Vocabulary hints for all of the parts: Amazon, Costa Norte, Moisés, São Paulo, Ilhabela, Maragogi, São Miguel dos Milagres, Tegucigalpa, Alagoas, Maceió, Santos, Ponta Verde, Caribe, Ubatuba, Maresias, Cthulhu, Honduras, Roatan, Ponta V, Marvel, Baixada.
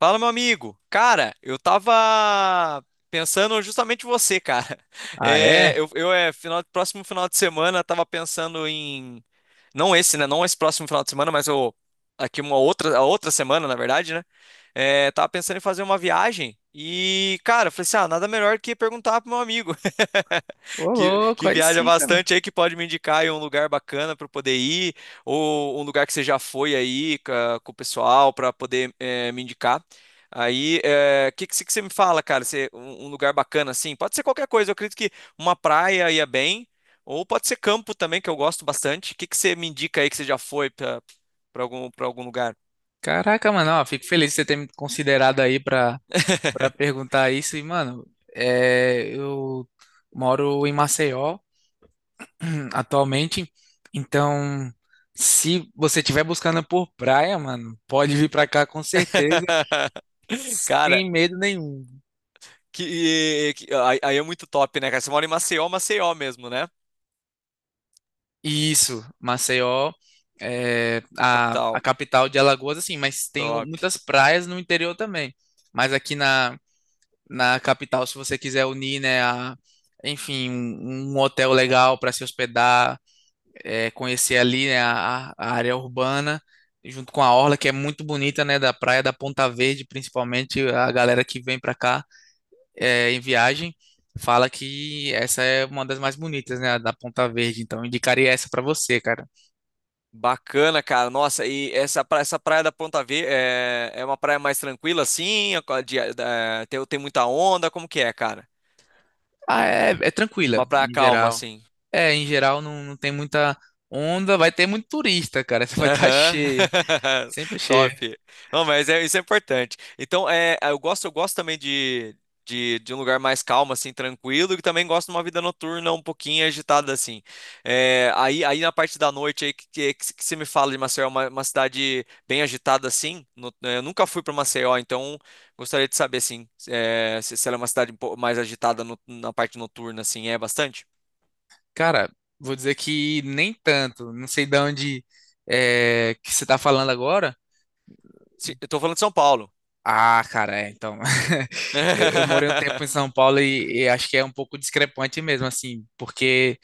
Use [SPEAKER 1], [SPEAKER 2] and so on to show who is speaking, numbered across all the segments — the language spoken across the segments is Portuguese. [SPEAKER 1] Fala, meu amigo. Cara, eu tava pensando justamente em você, cara.
[SPEAKER 2] Ah,
[SPEAKER 1] É,
[SPEAKER 2] é?
[SPEAKER 1] eu final, próximo final de semana tava pensando em não esse, né? Não esse próximo final de semana, mas eu. Aqui uma outra, a outra semana, na verdade, né? É, tava pensando em fazer uma viagem e, cara, falei assim: ah, nada melhor que perguntar pro meu amigo
[SPEAKER 2] Ô,
[SPEAKER 1] que,
[SPEAKER 2] louco,
[SPEAKER 1] que
[SPEAKER 2] aí
[SPEAKER 1] viaja
[SPEAKER 2] sim, cara.
[SPEAKER 1] bastante aí, que pode me indicar aí um lugar bacana para poder ir, ou um lugar que você já foi aí com o pessoal para poder me indicar. Aí, o que você me fala, cara? Você, um lugar bacana, assim? Pode ser qualquer coisa, eu acredito que uma praia ia bem. Ou pode ser campo também, que eu gosto bastante. O que que você me indica aí que você já foi para para algum lugar?
[SPEAKER 2] Caraca, mano, ó, fico feliz de você ter me considerado aí pra perguntar isso. E, mano, eu moro em Maceió atualmente, então se você estiver buscando por praia, mano, pode vir pra cá com certeza,
[SPEAKER 1] Cara,
[SPEAKER 2] sem medo nenhum.
[SPEAKER 1] aí é muito top, né, cara? Você mora em Maceió, Maceió mesmo, né?
[SPEAKER 2] Isso, Maceió é a
[SPEAKER 1] Capital.
[SPEAKER 2] capital de Alagoas, assim, mas tem
[SPEAKER 1] Top.
[SPEAKER 2] muitas praias no interior também. Mas aqui na capital, se você quiser unir, né, a, enfim, um hotel legal para se hospedar, conhecer ali, né, a área urbana, junto com a orla, que é muito bonita, né, da praia da Ponta Verde, principalmente a galera que vem para cá em viagem fala que essa é uma das mais bonitas, né, a da Ponta Verde. Então indicaria essa para você, cara.
[SPEAKER 1] Bacana, cara. Nossa, e essa, essa praia da Ponta V é uma praia mais tranquila, assim? Tem, tem muita onda? Como que é, cara?
[SPEAKER 2] Ah, é tranquila,
[SPEAKER 1] Uma praia
[SPEAKER 2] em
[SPEAKER 1] calma,
[SPEAKER 2] geral.
[SPEAKER 1] assim.
[SPEAKER 2] É, em geral não, não tem muita onda, vai ter muito turista, cara. Você vai estar
[SPEAKER 1] Aham.
[SPEAKER 2] cheia, sempre
[SPEAKER 1] Top.
[SPEAKER 2] cheia.
[SPEAKER 1] Não, mas é, isso é importante. Então, é, eu gosto também de, de um lugar mais calmo, assim, tranquilo, e também gosto de uma vida noturna um pouquinho agitada, assim. É, aí na parte da noite aí que você me fala de Maceió, uma cidade bem agitada, assim. Eu nunca fui para Maceió, então gostaria de saber, assim, é, se ela é uma cidade um pouco mais agitada na parte noturna, assim, é bastante?
[SPEAKER 2] Cara, vou dizer que nem tanto. Não sei de onde que você tá falando agora.
[SPEAKER 1] Sim, eu tô falando de São Paulo.
[SPEAKER 2] Ah, cara, é, então. Eu morei um tempo em São Paulo e acho que é um pouco discrepante mesmo, assim, porque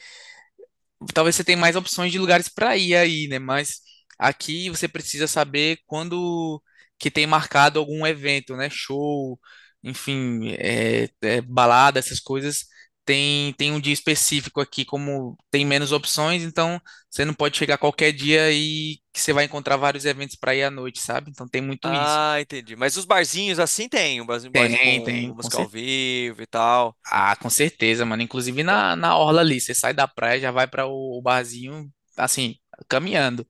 [SPEAKER 2] talvez você tenha mais opções de lugares para ir aí, né? Mas aqui você precisa saber quando que tem marcado algum evento, né? Show, enfim, balada, essas coisas. Tem, tem um dia específico aqui, como tem menos opções, então você não pode chegar qualquer dia e que você vai encontrar vários eventos para ir à noite, sabe? Então tem muito isso.
[SPEAKER 1] Ah, entendi. Mas os barzinhos assim tem, um barzinho
[SPEAKER 2] Tem,
[SPEAKER 1] com
[SPEAKER 2] tem,
[SPEAKER 1] uma
[SPEAKER 2] com
[SPEAKER 1] música ao
[SPEAKER 2] certeza.
[SPEAKER 1] vivo e tal.
[SPEAKER 2] Ah, com certeza, mano. Inclusive
[SPEAKER 1] To-
[SPEAKER 2] na orla ali, você sai da praia, já vai para o barzinho, assim, caminhando.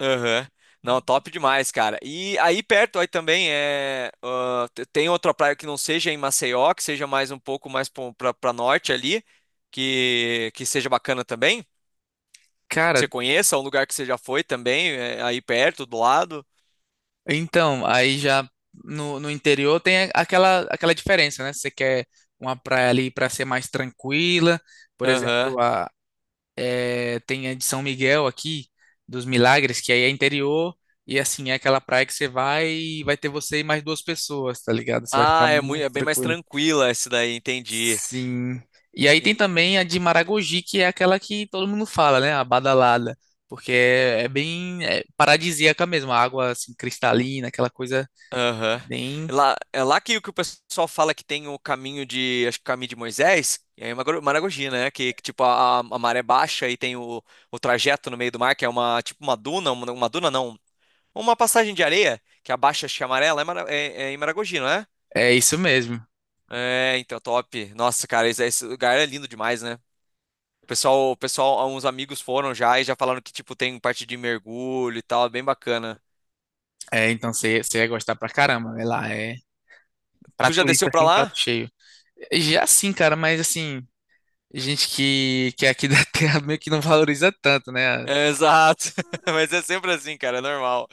[SPEAKER 1] Aham. Não, top demais, cara. E aí perto aí também é ah, tem outra praia que não seja em Maceió, que seja mais um pouco mais pra, pra norte ali, que seja bacana também. Que
[SPEAKER 2] Cara,
[SPEAKER 1] você conheça, um lugar que você já foi também, é, aí perto, do lado.
[SPEAKER 2] então, aí já no interior tem aquela, aquela diferença, né? Se você quer uma praia ali para ser mais tranquila, por
[SPEAKER 1] Aham.
[SPEAKER 2] exemplo, tem a de São Miguel aqui, dos Milagres, que aí é interior, e assim, é aquela praia que você vai e vai ter você e mais duas pessoas, tá ligado? Você vai ficar
[SPEAKER 1] Ah, é muito, é
[SPEAKER 2] muito
[SPEAKER 1] bem mais
[SPEAKER 2] tranquilo.
[SPEAKER 1] tranquila esse daí, entendi.
[SPEAKER 2] Sim. E aí tem também a de Maragogi, que é aquela que todo mundo fala, né? A badalada. Porque paradisíaca mesmo, a água assim, cristalina, aquela coisa
[SPEAKER 1] Aham.
[SPEAKER 2] bem,
[SPEAKER 1] É lá, é lá que o pessoal fala que tem o caminho de, acho que o caminho de Moisés, é uma Maragogi, né? Tipo a maré baixa e tem o trajeto no meio do mar, que é uma tipo uma duna, uma duna não, uma passagem de areia que abaixa, acho que é amarela, é, é em Maragogi, não é?
[SPEAKER 2] é isso mesmo.
[SPEAKER 1] É, então, top. Nossa, cara, esse lugar é lindo demais, né? O pessoal, uns amigos foram já e já falaram que, tipo, tem parte de mergulho e tal, é bem bacana.
[SPEAKER 2] É, então você ia gostar pra caramba, né? Lá é pra
[SPEAKER 1] Tu já desceu
[SPEAKER 2] turista
[SPEAKER 1] pra
[SPEAKER 2] assim, prato
[SPEAKER 1] lá?
[SPEAKER 2] cheio. Já sim, cara, mas assim, gente que é aqui da terra meio que não valoriza tanto, né?
[SPEAKER 1] É, exato. Mas é sempre assim, cara, é normal.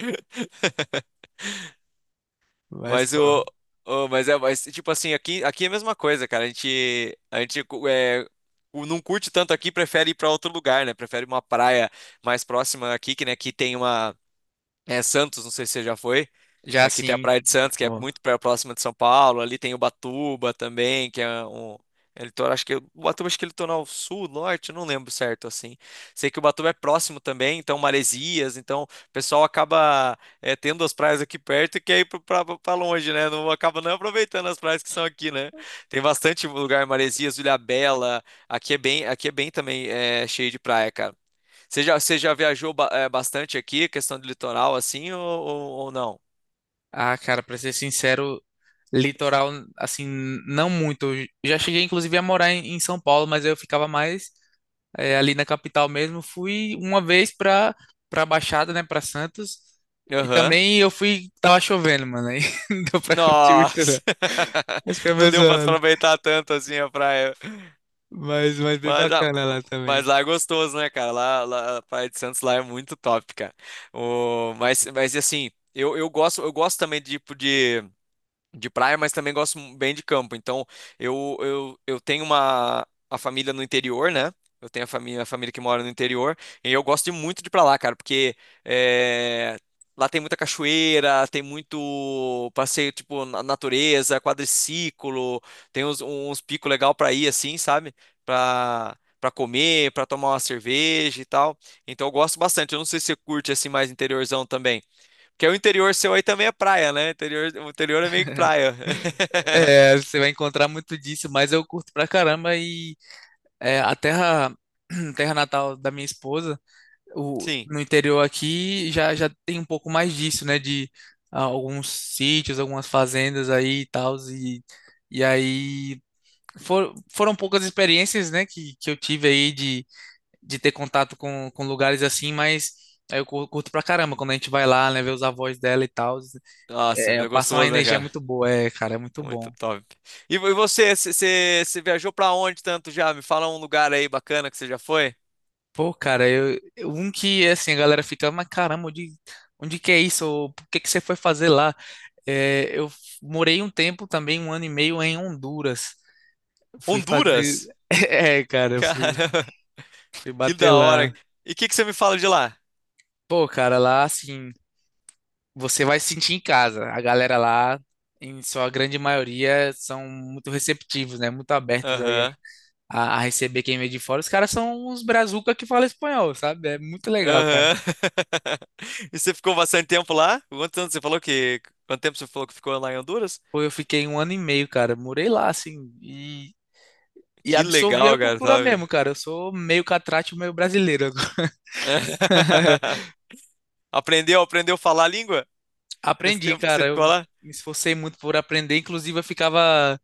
[SPEAKER 2] Mas,
[SPEAKER 1] Mas
[SPEAKER 2] pô,
[SPEAKER 1] mas é, mas, tipo assim, aqui, aqui é a mesma coisa, cara. A gente não curte tanto aqui, prefere ir pra outro lugar, né? Prefere uma praia mais próxima aqui, que, né, que tem uma é Santos, não sei se você já foi.
[SPEAKER 2] já
[SPEAKER 1] Aqui tem a
[SPEAKER 2] assim,
[SPEAKER 1] Praia de Santos, que é
[SPEAKER 2] pô.
[SPEAKER 1] muito próxima de São Paulo. Ali tem Ubatuba também, que é um. É litoral, acho que Ubatuba acho que é litoral sul, norte, eu não lembro certo assim. Sei que Ubatuba é próximo também, então Maresias, então o pessoal acaba é, tendo as praias aqui perto e quer ir pra longe, né? Não acaba não aproveitando as praias que são aqui, né? Tem bastante lugar, Maresias, Ilhabela. Aqui é bem também é, cheio de praia, cara. Você já viajou bastante aqui, questão de litoral assim ou, ou não?
[SPEAKER 2] Ah, cara, pra ser sincero, litoral, assim, não muito. Eu já cheguei inclusive a morar em, em São Paulo, mas eu ficava mais. É, ali na capital mesmo. Fui uma vez pra Baixada, né, pra Santos. E
[SPEAKER 1] Aham.
[SPEAKER 2] também eu fui, tava chovendo, mano, aí não deu pra curtir muito, não.
[SPEAKER 1] Nossa!
[SPEAKER 2] Esse foi
[SPEAKER 1] Não
[SPEAKER 2] meu
[SPEAKER 1] deu pra
[SPEAKER 2] zoando.
[SPEAKER 1] aproveitar tanto assim a praia.
[SPEAKER 2] Mas bem
[SPEAKER 1] Mas,
[SPEAKER 2] bacana lá
[SPEAKER 1] mas
[SPEAKER 2] também.
[SPEAKER 1] lá é gostoso, né, cara? A Praia de Santos lá é muito top, cara. O, mas assim, eu gosto também de, tipo, de praia, mas também gosto bem de campo. Então, eu tenho uma a família no interior, né? Eu tenho a família que mora no interior, e eu gosto de muito de ir pra lá, cara, porque é, lá tem muita cachoeira, tem muito passeio, tipo, na natureza, quadriciclo, tem uns picos legal pra ir, assim, sabe? Pra comer, pra tomar uma cerveja e tal. Então, eu gosto bastante. Eu não sei se você curte, assim, mais interiorzão também. Que é o interior seu aí também é praia, né? Interior, o interior é meio que praia.
[SPEAKER 2] É, você vai encontrar muito disso, mas eu curto pra caramba e a terra, terra natal da minha esposa, o,
[SPEAKER 1] Sim.
[SPEAKER 2] no interior aqui, já, já tem um pouco mais disso, né, de ah, alguns sítios, algumas fazendas aí e tal, e aí foram poucas experiências, né, que eu tive aí de ter contato com lugares assim, mas aí eu curto pra caramba quando a gente vai lá, né, ver os avós dela e tal.
[SPEAKER 1] Nossa,
[SPEAKER 2] É, é,
[SPEAKER 1] é
[SPEAKER 2] passa uma
[SPEAKER 1] gostoso, né,
[SPEAKER 2] energia
[SPEAKER 1] cara?
[SPEAKER 2] muito boa, é, cara, é muito
[SPEAKER 1] Muito
[SPEAKER 2] bom.
[SPEAKER 1] top. E você viajou pra onde tanto já? Me fala um lugar aí bacana que você já foi.
[SPEAKER 2] Pô, cara, um que assim, a galera fica, mas caramba, onde, onde que é isso? Ou por que que você foi fazer lá? É, eu morei um tempo também, 1 ano e meio, em Honduras. Fui fazer.
[SPEAKER 1] Honduras?
[SPEAKER 2] É, cara,
[SPEAKER 1] Caramba,
[SPEAKER 2] fui
[SPEAKER 1] que
[SPEAKER 2] bater
[SPEAKER 1] da hora.
[SPEAKER 2] lá.
[SPEAKER 1] E o que que você me fala de lá?
[SPEAKER 2] Pô, cara, lá assim. Você vai se sentir em casa. A galera lá, em sua grande maioria, são muito receptivos, né? Muito abertos aí
[SPEAKER 1] Aham,
[SPEAKER 2] a receber quem vem de fora. Os caras são uns brazuca que falam espanhol, sabe? É muito legal, cara.
[SPEAKER 1] aham. E você ficou bastante tempo lá? Quanto tempo você falou que... Quanto tempo você falou que ficou lá em Honduras?
[SPEAKER 2] Pô, eu fiquei 1 ano e meio, cara. Morei lá, assim, e
[SPEAKER 1] Que
[SPEAKER 2] absorvi a
[SPEAKER 1] legal, cara,
[SPEAKER 2] cultura
[SPEAKER 1] sabe?
[SPEAKER 2] mesmo, cara. Eu sou meio catrate, meio brasileiro.
[SPEAKER 1] Aprendeu, aprendeu a falar a língua? Nesse
[SPEAKER 2] Aprendi,
[SPEAKER 1] tempo que você
[SPEAKER 2] cara. Eu
[SPEAKER 1] ficou lá?
[SPEAKER 2] me esforcei muito por aprender. Inclusive,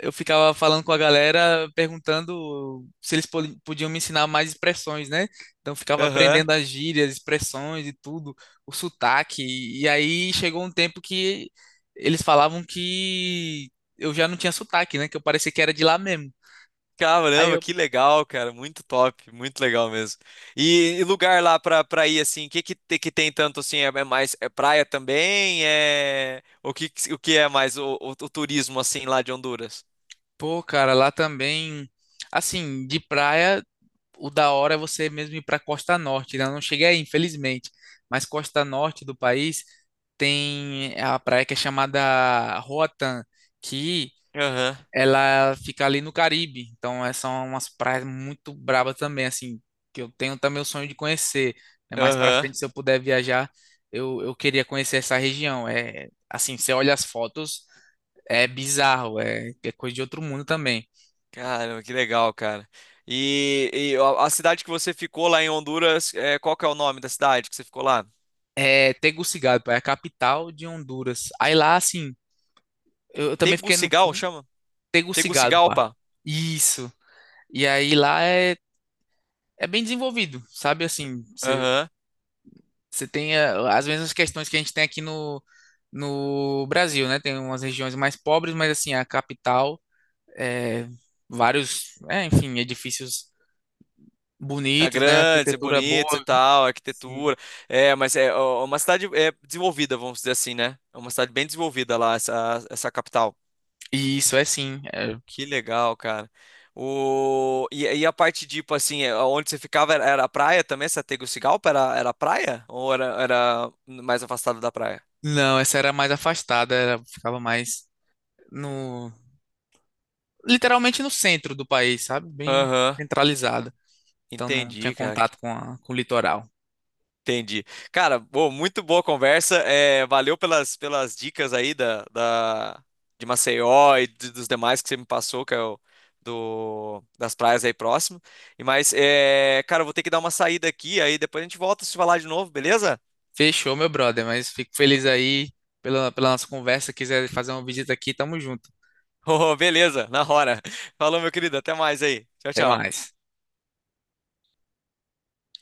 [SPEAKER 2] eu ficava falando com a galera, perguntando se eles podiam me ensinar mais expressões, né? Então eu ficava
[SPEAKER 1] Aham.
[SPEAKER 2] aprendendo as gírias, expressões e tudo, o sotaque. E aí chegou um tempo que eles falavam que eu já não tinha sotaque, né? Que eu parecia que era de lá mesmo. Aí
[SPEAKER 1] Caramba,
[SPEAKER 2] eu,
[SPEAKER 1] que legal, cara. Muito top, muito legal mesmo. E lugar lá pra, pra ir, assim, o que que, que tem tanto, assim, é, é mais, é praia também? É... O que, o que é mais o turismo, assim, lá de Honduras?
[SPEAKER 2] pô, cara, lá também, assim, de praia o da hora é você mesmo ir para Costa Norte, né? Eu não cheguei aí, infelizmente. Mas Costa Norte do país tem a praia que é chamada Roatan, que
[SPEAKER 1] Aham,
[SPEAKER 2] ela fica ali no Caribe. Então, é- são umas praias muito brabas também, assim, que eu tenho também o sonho de conhecer, né? Mais para
[SPEAKER 1] aham.
[SPEAKER 2] frente, se eu puder viajar, eu queria conhecer essa região. É, assim, você olha as fotos, é bizarro, é coisa de outro mundo também.
[SPEAKER 1] Caramba, que legal, cara. E a cidade que você ficou lá em Honduras, é, qual que é o nome da cidade que você ficou lá?
[SPEAKER 2] É Tegucigalpa, é a capital de Honduras. Aí lá, assim, eu também fiquei no
[SPEAKER 1] Tegucigal,
[SPEAKER 2] sul,
[SPEAKER 1] chama?
[SPEAKER 2] Tegucigalpa.
[SPEAKER 1] Tegucigalpa?
[SPEAKER 2] Isso. E aí lá é, é bem desenvolvido, sabe? Assim,
[SPEAKER 1] Aham.
[SPEAKER 2] você tem as mesmas questões que a gente tem aqui no Brasil, né? Tem umas regiões mais pobres, mas assim, a capital, é, enfim, edifícios
[SPEAKER 1] É
[SPEAKER 2] bonitos, né?
[SPEAKER 1] grandes, é
[SPEAKER 2] Arquitetura
[SPEAKER 1] bonitos e
[SPEAKER 2] boa.
[SPEAKER 1] tal, a
[SPEAKER 2] Sim.
[SPEAKER 1] arquitetura. É, mas é ó, é uma cidade é, desenvolvida, vamos dizer assim, né? É uma cidade bem desenvolvida lá, essa capital.
[SPEAKER 2] E isso é sim. É.
[SPEAKER 1] Que legal, cara. O... E, e a parte, tipo assim, é, onde você ficava era, era praia também? Essa Tegucigalpa era, era praia? Ou era, era mais afastado da praia?
[SPEAKER 2] Não, essa era mais afastada, era, ficava mais no, literalmente no centro do país, sabe? Bem
[SPEAKER 1] Aham,
[SPEAKER 2] centralizada. Então não tinha
[SPEAKER 1] entendi, cara.
[SPEAKER 2] contato com, com o litoral.
[SPEAKER 1] Entendi. Cara, bom, muito boa conversa. É, valeu pelas, pelas dicas aí de Maceió e dos demais que você me passou, que é o do, das praias aí próximo. E mas, é, cara, eu vou ter que dar uma saída aqui, aí depois a gente volta a se falar de novo, beleza?
[SPEAKER 2] Fechou, meu brother, mas fico feliz aí pela, pela nossa conversa. Quiser fazer uma visita aqui, tamo junto.
[SPEAKER 1] Oh, beleza, na hora. Falou, meu querido, até mais aí. Tchau,
[SPEAKER 2] Até
[SPEAKER 1] tchau.
[SPEAKER 2] mais.